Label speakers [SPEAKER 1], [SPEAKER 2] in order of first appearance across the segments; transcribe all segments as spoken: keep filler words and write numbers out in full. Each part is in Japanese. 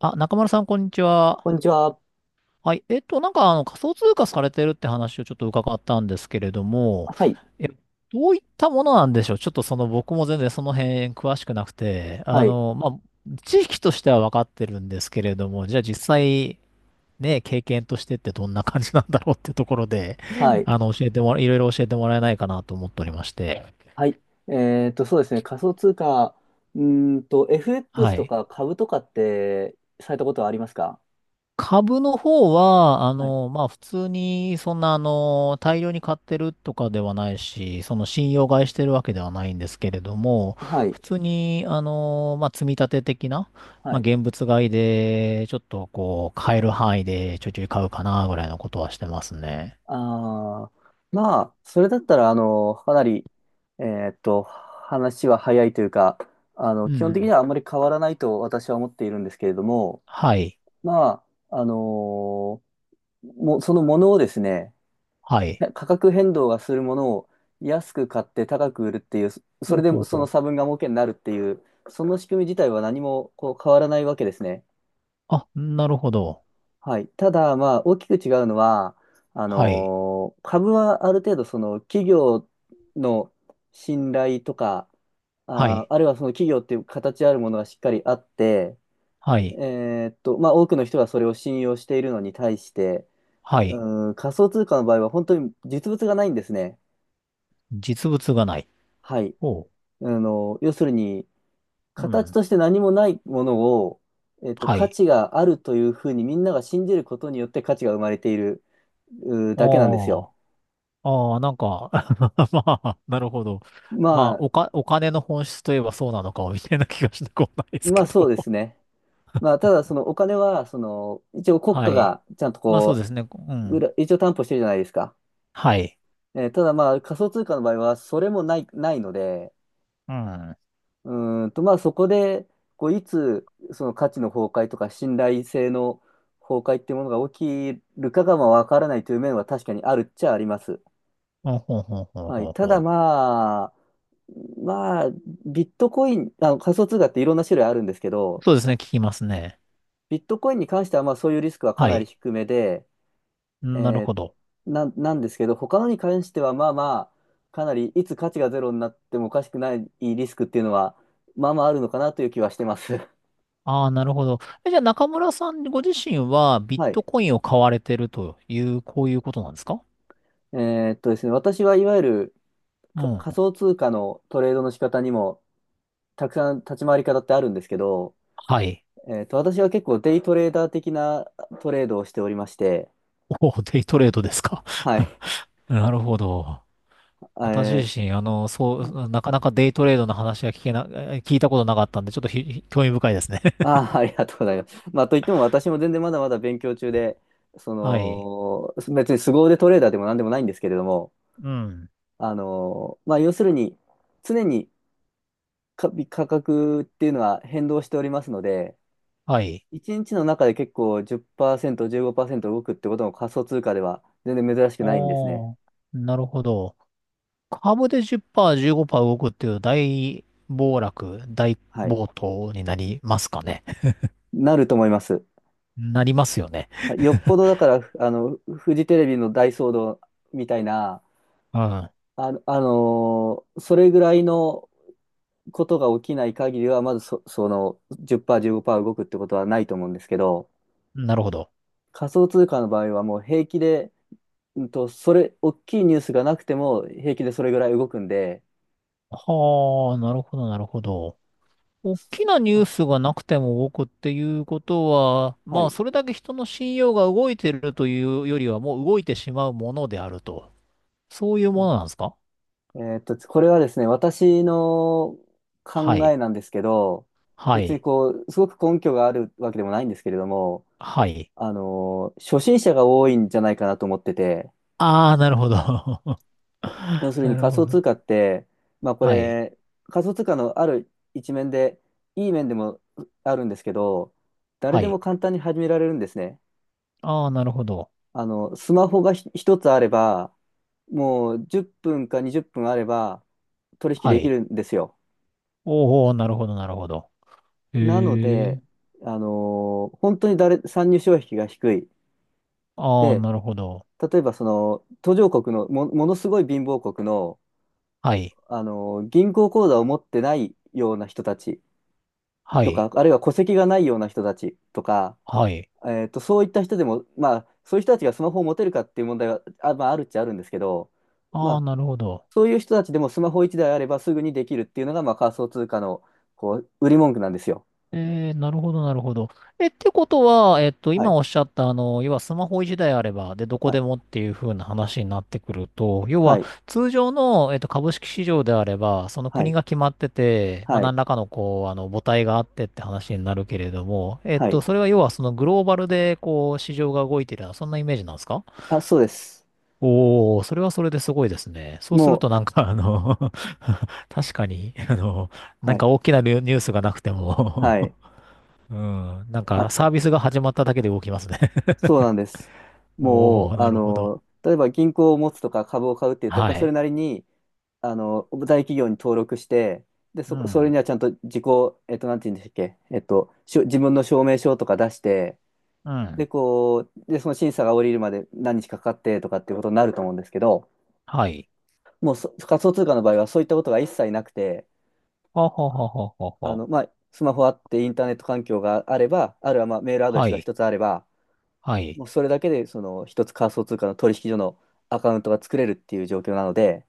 [SPEAKER 1] あ、中丸さん、こんにちは。
[SPEAKER 2] こんにちは。
[SPEAKER 1] はい。えっと、なんか、あの、仮想通貨されてるって話をちょっと伺ったんですけれども、
[SPEAKER 2] はい。
[SPEAKER 1] え、どういったものなんでしょう？ちょっとその、僕も全然その辺詳しくなくて、あ
[SPEAKER 2] はい。
[SPEAKER 1] の、まあ、知識としては分かってるんですけれども、じゃあ実際、ね、経験としてってどんな感じなんだろうってところで、
[SPEAKER 2] はい。
[SPEAKER 1] あの、教えてもら、いろいろ教えてもらえないかなと思っておりまして。
[SPEAKER 2] はい。えっと、そうですね。仮想通貨、うーんと、
[SPEAKER 1] は
[SPEAKER 2] エフエックス と
[SPEAKER 1] い。
[SPEAKER 2] か株とかってされたことはありますか？
[SPEAKER 1] 株の方は、あ
[SPEAKER 2] はい。
[SPEAKER 1] の、まあ、普通に、そんな、あの、大量に買ってるとかではないし、その信用買いしてるわけではないんですけれども、
[SPEAKER 2] はい。
[SPEAKER 1] 普通に、あの、まあ、積み立て的な、
[SPEAKER 2] は
[SPEAKER 1] まあ、
[SPEAKER 2] い。
[SPEAKER 1] 現物買いで、ちょっと、こう、買える範囲でちょいちょい買うかな、ぐらいのことはしてますね。
[SPEAKER 2] あー、まあ、それだったら、あの、かなり、えっと、話は早いというか、あ
[SPEAKER 1] う
[SPEAKER 2] の、
[SPEAKER 1] んう
[SPEAKER 2] 基本的に
[SPEAKER 1] ん。
[SPEAKER 2] はあんまり変わらないと私は思っているんですけれども、
[SPEAKER 1] はい。
[SPEAKER 2] まあ、あのも、そのものをですね、
[SPEAKER 1] はい。
[SPEAKER 2] 価格変動がするものを安く買って高く売るっていう、そそ
[SPEAKER 1] ほ
[SPEAKER 2] れ
[SPEAKER 1] う
[SPEAKER 2] で
[SPEAKER 1] ほう
[SPEAKER 2] その
[SPEAKER 1] ほう。
[SPEAKER 2] 差分が儲けになるっていう、その仕組み自体は何もこう変わらないわけですね。
[SPEAKER 1] あ、なるほど。
[SPEAKER 2] はい。ただ、まあ、大きく違うのは、あ
[SPEAKER 1] はい。
[SPEAKER 2] のー株はある程度、その企業の信頼とか、
[SPEAKER 1] は
[SPEAKER 2] あー、
[SPEAKER 1] い。
[SPEAKER 2] あるいはその企業っていう形あるものがしっかりあって、
[SPEAKER 1] はい。
[SPEAKER 2] えーっと、まあ、多くの人がそれを信用しているのに対して、
[SPEAKER 1] はい。
[SPEAKER 2] うーん、仮想通貨の場合は本当に実物がないんですね。
[SPEAKER 1] 実物がない。
[SPEAKER 2] はい。
[SPEAKER 1] ほ
[SPEAKER 2] あの、要するに、
[SPEAKER 1] う。う
[SPEAKER 2] 形
[SPEAKER 1] ん。
[SPEAKER 2] として何もないものを、えっと、
[SPEAKER 1] は
[SPEAKER 2] 価
[SPEAKER 1] い。
[SPEAKER 2] 値があるというふうにみんなが信じることによって価値が生まれているうーだけなんです
[SPEAKER 1] あ
[SPEAKER 2] よ。
[SPEAKER 1] あ。ああ、なんか まあ、なるほど。ま
[SPEAKER 2] ま
[SPEAKER 1] あ、
[SPEAKER 2] あ、
[SPEAKER 1] おか、お金の本質といえばそうなのか、みたいな気がしなくもないです
[SPEAKER 2] まあ
[SPEAKER 1] け
[SPEAKER 2] そ
[SPEAKER 1] ど。
[SPEAKER 2] うですね。まあ、ただそのお金は、その、一応 国
[SPEAKER 1] は
[SPEAKER 2] 家
[SPEAKER 1] い。
[SPEAKER 2] がちゃんと
[SPEAKER 1] まあ、そう
[SPEAKER 2] こ
[SPEAKER 1] ですね。う
[SPEAKER 2] う、
[SPEAKER 1] ん。
[SPEAKER 2] 裏一応担保してるじゃないですか。
[SPEAKER 1] はい。
[SPEAKER 2] えーただまあ仮想通貨の場合はそれもない、ないので、
[SPEAKER 1] うん。
[SPEAKER 2] うーんと、まあそこで、こういつその価値の崩壊とか信頼性の崩壊っていうものが起きるかがまあわからないという面は確かにあるっちゃあります。
[SPEAKER 1] ほんほんほんほん
[SPEAKER 2] はい。
[SPEAKER 1] ほん
[SPEAKER 2] た
[SPEAKER 1] ほ
[SPEAKER 2] だ
[SPEAKER 1] ん。
[SPEAKER 2] まあ、まあ、ビットコイン、あの仮想通貨っていろんな種類あるんですけど、
[SPEAKER 1] そうですね。聞きますね。
[SPEAKER 2] ビットコインに関してはまあそういうリスクはか
[SPEAKER 1] は
[SPEAKER 2] なり
[SPEAKER 1] い。
[SPEAKER 2] 低めで、
[SPEAKER 1] う
[SPEAKER 2] え
[SPEAKER 1] ん、なる
[SPEAKER 2] ー
[SPEAKER 1] ほど。
[SPEAKER 2] な、なんですけど、他のに関してはまあまあ、かなりいつ価値がゼロになってもおかしくないリスクっていうのは、まあまああるのかなという気はしてます。
[SPEAKER 1] ああ、なるほど。え、じゃあ中村さんご自身はビッ
[SPEAKER 2] は
[SPEAKER 1] ト
[SPEAKER 2] い。
[SPEAKER 1] コインを買われてるという、こういうことなんですか？
[SPEAKER 2] えーっとですね、私はいわゆる
[SPEAKER 1] う
[SPEAKER 2] か仮
[SPEAKER 1] ん。
[SPEAKER 2] 想通貨のトレードの仕方にもたくさん立ち回り方ってあるんですけど、
[SPEAKER 1] はい。
[SPEAKER 2] えーっと、私は結構デイトレーダー的なトレードをしておりまして、
[SPEAKER 1] おお、デイトレードですか。
[SPEAKER 2] はい。
[SPEAKER 1] なるほど。
[SPEAKER 2] え
[SPEAKER 1] 私自
[SPEAKER 2] ー
[SPEAKER 1] 身、あの、そう、なかなかデイトレードの話は聞けな、え聞いたことなかったんで、ちょっとひひ興味深いですね。
[SPEAKER 2] あー、ありがとうございます。まあ、といっても私も全然まだまだ勉強中で、そ
[SPEAKER 1] はい。
[SPEAKER 2] の、別に凄腕トレーダーでも何でもないんですけれども、
[SPEAKER 1] うん。
[SPEAKER 2] あのまあ、要するに、常にか価格っていうのは変動しておりますので、
[SPEAKER 1] はい。
[SPEAKER 2] 一日の中で結構じっパーセント、じゅうごパーセント動くってことも仮想通貨では全然珍しくないんですね。
[SPEAKER 1] おー、なるほど。株でじゅっパーセント、じゅうごパーセント動くっていう大暴落、大
[SPEAKER 2] はい。
[SPEAKER 1] 暴騰になりますかね。
[SPEAKER 2] なると思います。
[SPEAKER 1] なりますよね。
[SPEAKER 2] はい。よっぽどだから、ふあの、フジテレビの大騒動みたいな、あの、あのーそれぐらいのことが起きない限りは、まずそ、そのじゅっパーセント、じゅうごパーセント動くってことはないと思うんですけど、
[SPEAKER 1] うん。なるほど。
[SPEAKER 2] 仮想通貨の場合はもう平気で、うんと、それ、大きいニュースがなくても平気でそれぐらい動くんで、
[SPEAKER 1] はあ、なるほど、なるほど。大き
[SPEAKER 2] そ
[SPEAKER 1] なニュー
[SPEAKER 2] あ
[SPEAKER 1] スがなくても動くっていうことは、
[SPEAKER 2] は
[SPEAKER 1] まあ、
[SPEAKER 2] い。
[SPEAKER 1] それだけ人の信用が動いてるというよりは、もう動いてしまうものであると。そういうものなんですか？
[SPEAKER 2] えーっと、これはですね、私の
[SPEAKER 1] は
[SPEAKER 2] 考え
[SPEAKER 1] い。
[SPEAKER 2] なんですけど、
[SPEAKER 1] は
[SPEAKER 2] 別に
[SPEAKER 1] い。
[SPEAKER 2] こう、すごく根拠があるわけでもないんですけれども、
[SPEAKER 1] はい。
[SPEAKER 2] あのー、初心者が多いんじゃないかなと思ってて、
[SPEAKER 1] ああ、なるほど。
[SPEAKER 2] 要 するに
[SPEAKER 1] なる
[SPEAKER 2] 仮
[SPEAKER 1] ほ
[SPEAKER 2] 想
[SPEAKER 1] ど。
[SPEAKER 2] 通貨って、まあこ
[SPEAKER 1] はい。
[SPEAKER 2] れ、仮想通貨のある一面で、いい面でもあるんですけど、誰
[SPEAKER 1] は
[SPEAKER 2] でも
[SPEAKER 1] い。
[SPEAKER 2] 簡単に始められるんですね。
[SPEAKER 1] ああ、なるほど。
[SPEAKER 2] あの、スマホがひ一つあれば、もうじゅっぷんかにじゅっぷんあれば取引
[SPEAKER 1] は
[SPEAKER 2] でき
[SPEAKER 1] い。
[SPEAKER 2] るんですよ。
[SPEAKER 1] おお、なるほど、なるほど。へ
[SPEAKER 2] なの
[SPEAKER 1] え。
[SPEAKER 2] で、あのー本当に誰、参入障壁が低い。
[SPEAKER 1] ああ、
[SPEAKER 2] で、
[SPEAKER 1] なるほど。
[SPEAKER 2] 例えばその途上国のも、ものすごい貧乏国の、
[SPEAKER 1] はい。
[SPEAKER 2] あのー銀行口座を持ってないような人たち
[SPEAKER 1] は
[SPEAKER 2] と
[SPEAKER 1] い。
[SPEAKER 2] か、あるいは戸籍がないような人たちとか、
[SPEAKER 1] はい。
[SPEAKER 2] えーと、そういった人でも、まあ、そういう人たちがスマホを持てるかっていう問題は、あ、まあ、あるっちゃあるんですけど、ま
[SPEAKER 1] ああ、
[SPEAKER 2] あ、
[SPEAKER 1] なるほど。
[SPEAKER 2] そういう人たちでもスマホいちだいあればすぐにできるっていうのが、まあ、仮想通貨のこう売り文句なんですよ。
[SPEAKER 1] えー、なるほど、なるほど。え、ってことは、えっと、
[SPEAKER 2] は
[SPEAKER 1] 今
[SPEAKER 2] い。
[SPEAKER 1] おっしゃった、あの、要はスマホ一台あれば、で、どこ
[SPEAKER 2] は
[SPEAKER 1] で
[SPEAKER 2] い。
[SPEAKER 1] もっていう風な話になってくると、要
[SPEAKER 2] は
[SPEAKER 1] は、
[SPEAKER 2] い。
[SPEAKER 1] 通常の、えっと、株式市場であれば、その
[SPEAKER 2] は
[SPEAKER 1] 国
[SPEAKER 2] い。
[SPEAKER 1] が決まってて、まあ、
[SPEAKER 2] はい。
[SPEAKER 1] 何らかの、こう、あの、母体があってって話になるけれども、えっ
[SPEAKER 2] は
[SPEAKER 1] と、
[SPEAKER 2] い。
[SPEAKER 1] それは要は、そのグローバルで、こう、市場が動いてるような、そんなイメージなんですか？
[SPEAKER 2] あ、そうです。
[SPEAKER 1] おー、それはそれですごいですね。そうする
[SPEAKER 2] も
[SPEAKER 1] と、な
[SPEAKER 2] う、
[SPEAKER 1] んか、あの 確かに、あの、な
[SPEAKER 2] は
[SPEAKER 1] ん
[SPEAKER 2] い、
[SPEAKER 1] か大きなニュースがなくても、
[SPEAKER 2] はい。
[SPEAKER 1] うん。なんか、サ
[SPEAKER 2] あ、
[SPEAKER 1] ービスが始まっただけで動きますね。
[SPEAKER 2] そうなんです。も
[SPEAKER 1] おお、
[SPEAKER 2] う、
[SPEAKER 1] な
[SPEAKER 2] あ
[SPEAKER 1] るほど。
[SPEAKER 2] の、例えば銀行を持つとか株を買うって言うと、やっ
[SPEAKER 1] は
[SPEAKER 2] ぱそれ
[SPEAKER 1] い。
[SPEAKER 2] なりに、あの、大企業に登録して、で、
[SPEAKER 1] う
[SPEAKER 2] そ、それ
[SPEAKER 1] ん。
[SPEAKER 2] にはちゃんと自己、えっと、なんて言うんでしたっけ、えっと、しょ、自分の証明書とか出して、
[SPEAKER 1] う
[SPEAKER 2] で、
[SPEAKER 1] ん。
[SPEAKER 2] こう、で、その審査が降りるまで何日かかってとかっていうことになると思うんですけど、
[SPEAKER 1] はい。
[SPEAKER 2] もうそ仮想通貨の場合はそういったことが一切なくて、
[SPEAKER 1] ははははは
[SPEAKER 2] あ
[SPEAKER 1] は。
[SPEAKER 2] の、まあ、スマホあってインターネット環境があれば、あるいはまあメールアドレス
[SPEAKER 1] は
[SPEAKER 2] が
[SPEAKER 1] い。
[SPEAKER 2] 一つあれば、
[SPEAKER 1] はい。
[SPEAKER 2] もうそれだけで、その一つ仮想通貨の取引所のアカウントが作れるっていう状況なので、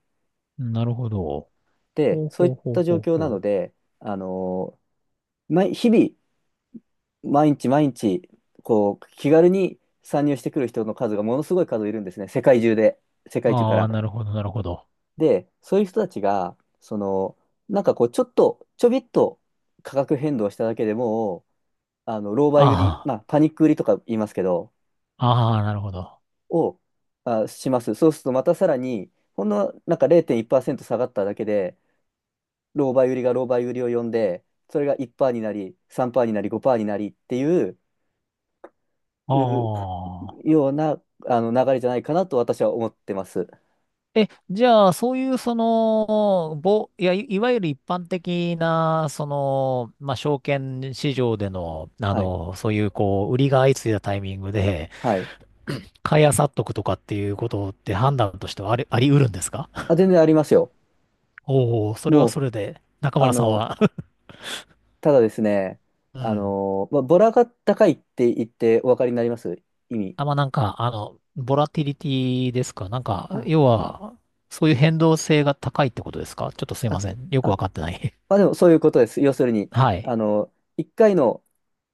[SPEAKER 1] なるほど。
[SPEAKER 2] で、
[SPEAKER 1] ほう
[SPEAKER 2] そうい
[SPEAKER 1] ほ
[SPEAKER 2] っ
[SPEAKER 1] うほう
[SPEAKER 2] た状
[SPEAKER 1] ほう
[SPEAKER 2] 況なの
[SPEAKER 1] ほ
[SPEAKER 2] で、あの毎日々、毎日毎日、こう、気軽に参入してくる人の数がものすごい数いるんですね、世界中で、世
[SPEAKER 1] う。
[SPEAKER 2] 界中か
[SPEAKER 1] ああ、
[SPEAKER 2] ら。
[SPEAKER 1] なるほど、なるほど。
[SPEAKER 2] で、そういう人たちが、その、なんかこう、ちょっと、ちょびっと価格変動しただけでもう、あの、狼狽売り、
[SPEAKER 1] あ
[SPEAKER 2] まあ、パニック売りとか言いますけど、
[SPEAKER 1] あ、ああ、なるほど。あ
[SPEAKER 2] を、あ、します。そうするとまたさらに、ほんのなんかれいてんいちパーセント下がっただけで、狼狽売りが狼狽売りを呼んで、それがいちパーセントになり、さんパーセントになり、ごパーセントになりっていう、う
[SPEAKER 1] あ。
[SPEAKER 2] ようなあの流れじゃないかなと私は思ってます。
[SPEAKER 1] え、じゃあ、そういう、その、ぼ、いや、いいわゆる一般的な、その、まあ、証券市場での、あ
[SPEAKER 2] はい。
[SPEAKER 1] の、そういう、こう、売りが相次いだタイミングで、
[SPEAKER 2] はい。
[SPEAKER 1] 買い漁っとくとかっていうことって判断としてはあり、あり得るんですか？
[SPEAKER 2] あ、全然ありますよ。
[SPEAKER 1] おお、それはそ
[SPEAKER 2] もう、
[SPEAKER 1] れで、中
[SPEAKER 2] あ
[SPEAKER 1] 村さん
[SPEAKER 2] の、
[SPEAKER 1] は
[SPEAKER 2] ただですね、
[SPEAKER 1] う
[SPEAKER 2] あ
[SPEAKER 1] ん。
[SPEAKER 2] の、まあ、ボラが高いって言ってお分かりになります？意味。
[SPEAKER 1] あ、まあ、なんか、あの、ボラティリティですか？なんか、
[SPEAKER 2] あ、
[SPEAKER 1] 要は、そういう変動性が高いってことですか？ちょっとすいま
[SPEAKER 2] あ、
[SPEAKER 1] せん。よ
[SPEAKER 2] あ、
[SPEAKER 1] くわかってない。
[SPEAKER 2] まあでもそういうことです。要するに、
[SPEAKER 1] はい。
[SPEAKER 2] あの、いっかいの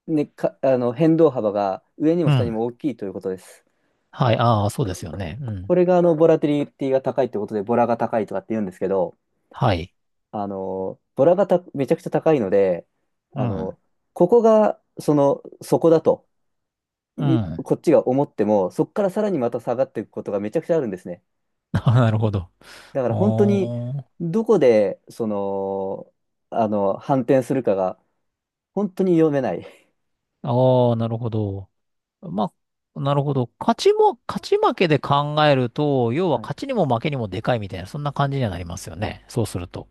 [SPEAKER 2] ね、か、あの、変動幅が上にも
[SPEAKER 1] う
[SPEAKER 2] 下に
[SPEAKER 1] ん。
[SPEAKER 2] も大きいということです。
[SPEAKER 1] はい。ああ、そうですよね。う
[SPEAKER 2] こ
[SPEAKER 1] ん。
[SPEAKER 2] れが、あの、ボラティリティが高いってことで、ボラが高いとかって言うんですけど、
[SPEAKER 1] はい。
[SPEAKER 2] あの、ボラがためちゃくちゃ高いので、
[SPEAKER 1] う
[SPEAKER 2] あ
[SPEAKER 1] ん。
[SPEAKER 2] の、ここが、その、そこだと
[SPEAKER 1] う
[SPEAKER 2] いう、
[SPEAKER 1] ん。
[SPEAKER 2] こっちが思っても、そこからさらにまた下がっていくことがめちゃくちゃあるんですね。
[SPEAKER 1] なるほど。
[SPEAKER 2] だから本当に、
[SPEAKER 1] おー。
[SPEAKER 2] どこで、その、あの、反転するかが、本当に読めない。
[SPEAKER 1] ああ、なるほど。まあ、なるほど。勝ちも、勝ち負けで考えると、要は
[SPEAKER 2] はい。
[SPEAKER 1] 勝ちにも負けにもでかいみたいな、そんな感じにはなりますよね。そうすると。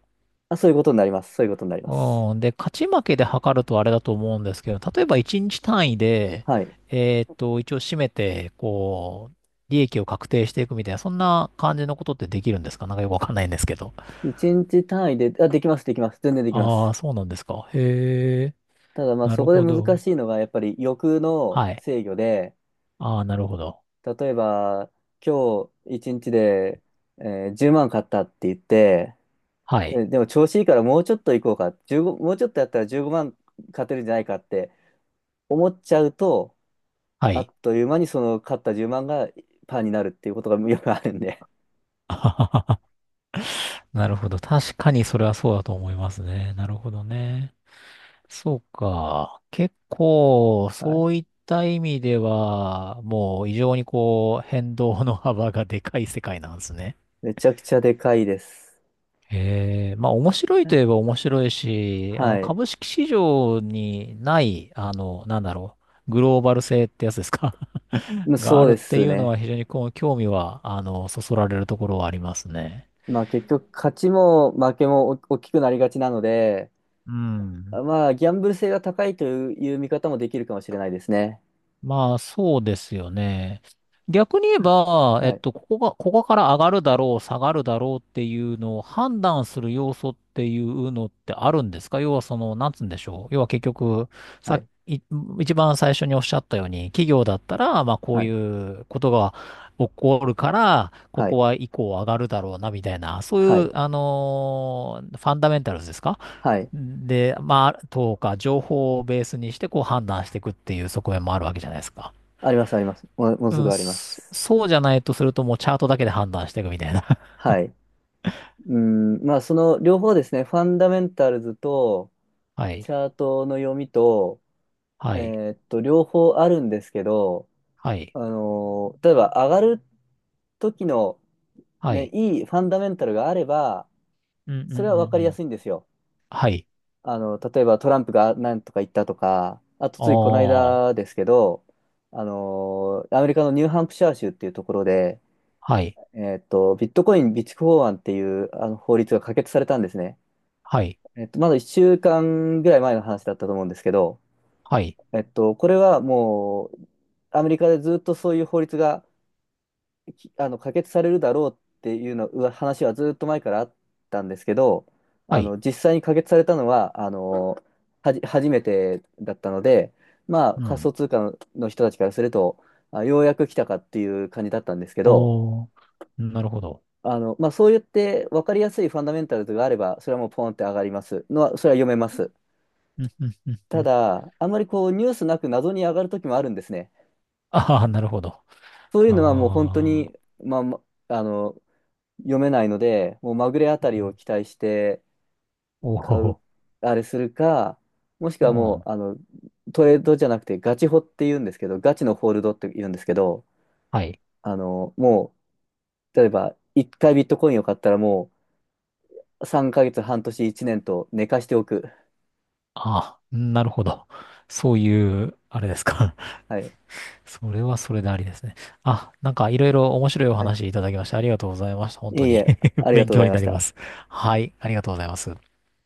[SPEAKER 2] あ、そういうことになります。そういうことになります。
[SPEAKER 1] うん。で、勝ち負けで測るとあれだと思うんですけど、例えばいちにち単位で、
[SPEAKER 2] はい。
[SPEAKER 1] えーっと、一応締めて、こう、利益を確定していくみたいな、そんな感じのことってできるんですか？なんかよくわかんないんですけど。
[SPEAKER 2] 一日単位で、あ、できます、できます。全然できま
[SPEAKER 1] あ
[SPEAKER 2] す。
[SPEAKER 1] あ、そうなんですか。へえ、
[SPEAKER 2] ただまあ
[SPEAKER 1] な
[SPEAKER 2] そ
[SPEAKER 1] る
[SPEAKER 2] こで
[SPEAKER 1] ほ
[SPEAKER 2] 難
[SPEAKER 1] ど。
[SPEAKER 2] しいのがやっぱり欲の
[SPEAKER 1] はい。
[SPEAKER 2] 制御で、
[SPEAKER 1] ああ、なるほど。
[SPEAKER 2] 例えば今日一日で、えーじゅうまん買ったって言って、
[SPEAKER 1] はい。
[SPEAKER 2] えでも調子いいからもうちょっと行こうか、じゅうご、もうちょっとやったらじゅうごまん勝てるんじゃないかって思っちゃうと、
[SPEAKER 1] は
[SPEAKER 2] あ
[SPEAKER 1] い。
[SPEAKER 2] っという間にその勝ったじゅうまんがパーになるっていうことがよくあるんで、
[SPEAKER 1] なるほど。確かにそれはそうだと思いますね。なるほどね。そうか。結構、
[SPEAKER 2] はい。
[SPEAKER 1] そういった意味では、もう異常にこう、変動の幅がでかい世界なんですね。
[SPEAKER 2] めちゃくちゃでかいです。
[SPEAKER 1] ええ、まあ面白いといえば面白いし、あの
[SPEAKER 2] はい。
[SPEAKER 1] 株式市場にない、あの、なんだろう、グローバル性ってやつですか？ があ
[SPEAKER 2] そう
[SPEAKER 1] るっ
[SPEAKER 2] で
[SPEAKER 1] てい
[SPEAKER 2] す
[SPEAKER 1] うの
[SPEAKER 2] ね。
[SPEAKER 1] は非常にこう興味は、あの、そそられるところはありますね。
[SPEAKER 2] まあ結局勝ちも負けもお大きくなりがちなので、
[SPEAKER 1] うん。
[SPEAKER 2] まあギャンブル性が高いという見方もできるかもしれないですね。
[SPEAKER 1] まあ、そうですよね。逆に言え
[SPEAKER 2] うん、
[SPEAKER 1] ば、え
[SPEAKER 2] は
[SPEAKER 1] っ
[SPEAKER 2] い、
[SPEAKER 1] と、ここが、ここから上がるだろう、下がるだろうっていうのを判断する要素っていうのってあるんですか？要はその、なんつうんでしょう。要は結局、
[SPEAKER 2] は
[SPEAKER 1] さっ
[SPEAKER 2] い、
[SPEAKER 1] き、い一番最初におっしゃったように、企業だったら、まあ、こ
[SPEAKER 2] は
[SPEAKER 1] う
[SPEAKER 2] い、
[SPEAKER 1] いうことが起こるから、こ
[SPEAKER 2] は
[SPEAKER 1] こ
[SPEAKER 2] い、
[SPEAKER 1] は以降上がるだろうな、みたいな、そう
[SPEAKER 2] は
[SPEAKER 1] いう、
[SPEAKER 2] い、
[SPEAKER 1] あのーファンダメンタルズですか？
[SPEAKER 2] はい。
[SPEAKER 1] で、まあ、とか、情報をベースにして、こう判断していくっていう側面もあるわけじゃないですか。
[SPEAKER 2] あります、あります。もう、もう
[SPEAKER 1] う
[SPEAKER 2] すぐ
[SPEAKER 1] ん、
[SPEAKER 2] ありま
[SPEAKER 1] そ
[SPEAKER 2] す。
[SPEAKER 1] そうじゃないとすると、もうチャートだけで判断していくみたいな。
[SPEAKER 2] はい。うん、まあその両方ですね、ファンダメンタルズと
[SPEAKER 1] は
[SPEAKER 2] チ
[SPEAKER 1] い。
[SPEAKER 2] ャートの読みと、
[SPEAKER 1] は
[SPEAKER 2] え
[SPEAKER 1] い。
[SPEAKER 2] ーっと、両方あるんですけど、
[SPEAKER 1] はい。
[SPEAKER 2] あのー例えば上がる時の
[SPEAKER 1] は
[SPEAKER 2] ね、
[SPEAKER 1] い。
[SPEAKER 2] いいファンダメンタルがあれば、
[SPEAKER 1] うんうんう
[SPEAKER 2] それは分
[SPEAKER 1] ん
[SPEAKER 2] かり
[SPEAKER 1] う
[SPEAKER 2] や
[SPEAKER 1] ん。
[SPEAKER 2] すいんですよ。
[SPEAKER 1] はい。
[SPEAKER 2] あの、例えばトランプが何とか言ったとか、あとついこの
[SPEAKER 1] ああ。
[SPEAKER 2] 間ですけど、あのアメリカのニューハンプシャー州っていうところで、
[SPEAKER 1] はい。
[SPEAKER 2] えっと、ビットコイン備蓄法案っていうあの法律が可決されたんですね。
[SPEAKER 1] はい。
[SPEAKER 2] えっと、まだいっしゅうかんぐらい前の話だったと思うんですけど、
[SPEAKER 1] はい。
[SPEAKER 2] えっと、これはもう、アメリカでずっとそういう法律がきあの可決されるだろうっていうのうわ話はずっと前からあったんですけど、
[SPEAKER 1] は
[SPEAKER 2] あ
[SPEAKER 1] い。
[SPEAKER 2] の実際に可決されたのはあのはじ初めてだったので、まあ、
[SPEAKER 1] う
[SPEAKER 2] 仮
[SPEAKER 1] ん。
[SPEAKER 2] 想通貨の人たちからすると、あ、ようやく来たかっていう感じだったんですけど、
[SPEAKER 1] おー。なるほど。
[SPEAKER 2] あのまあ、そうやって分かりやすいファンダメンタルズがあれば、それはもうポンって上がりますのは、それは読めます。
[SPEAKER 1] うんうんうんう
[SPEAKER 2] た
[SPEAKER 1] ん。
[SPEAKER 2] だ、あんまりこうニュースなく謎に上がる時もあるんですね。
[SPEAKER 1] ああ、なるほど。
[SPEAKER 2] そういうのはもう本当
[SPEAKER 1] ああ。
[SPEAKER 2] に、まあ、まあの読めないので、もうまぐれあたりを期待して
[SPEAKER 1] お
[SPEAKER 2] 買う、
[SPEAKER 1] お。
[SPEAKER 2] あれするか、もしく
[SPEAKER 1] う
[SPEAKER 2] はも
[SPEAKER 1] ん。
[SPEAKER 2] う、あの、トレードじゃなくてガチホって言うんですけど、ガチのホールドって言うんですけど、
[SPEAKER 1] はい。
[SPEAKER 2] あの、もう、例えば、いっかいビットコインを買ったらもう、さんかげつ、半年、いちねんと寝かしておく。
[SPEAKER 1] ああ、なるほど。そういう、あれですか。
[SPEAKER 2] はい。
[SPEAKER 1] それはそれでありですね。あ、なんかいろいろ面白いお
[SPEAKER 2] はい。
[SPEAKER 1] 話いただきましてありがとうございました。本
[SPEAKER 2] い
[SPEAKER 1] 当
[SPEAKER 2] えい
[SPEAKER 1] に
[SPEAKER 2] え、あ りが
[SPEAKER 1] 勉
[SPEAKER 2] とうご
[SPEAKER 1] 強
[SPEAKER 2] ざい
[SPEAKER 1] に
[SPEAKER 2] ま
[SPEAKER 1] な
[SPEAKER 2] し
[SPEAKER 1] りま
[SPEAKER 2] た。
[SPEAKER 1] す。はい、ありがとうございます。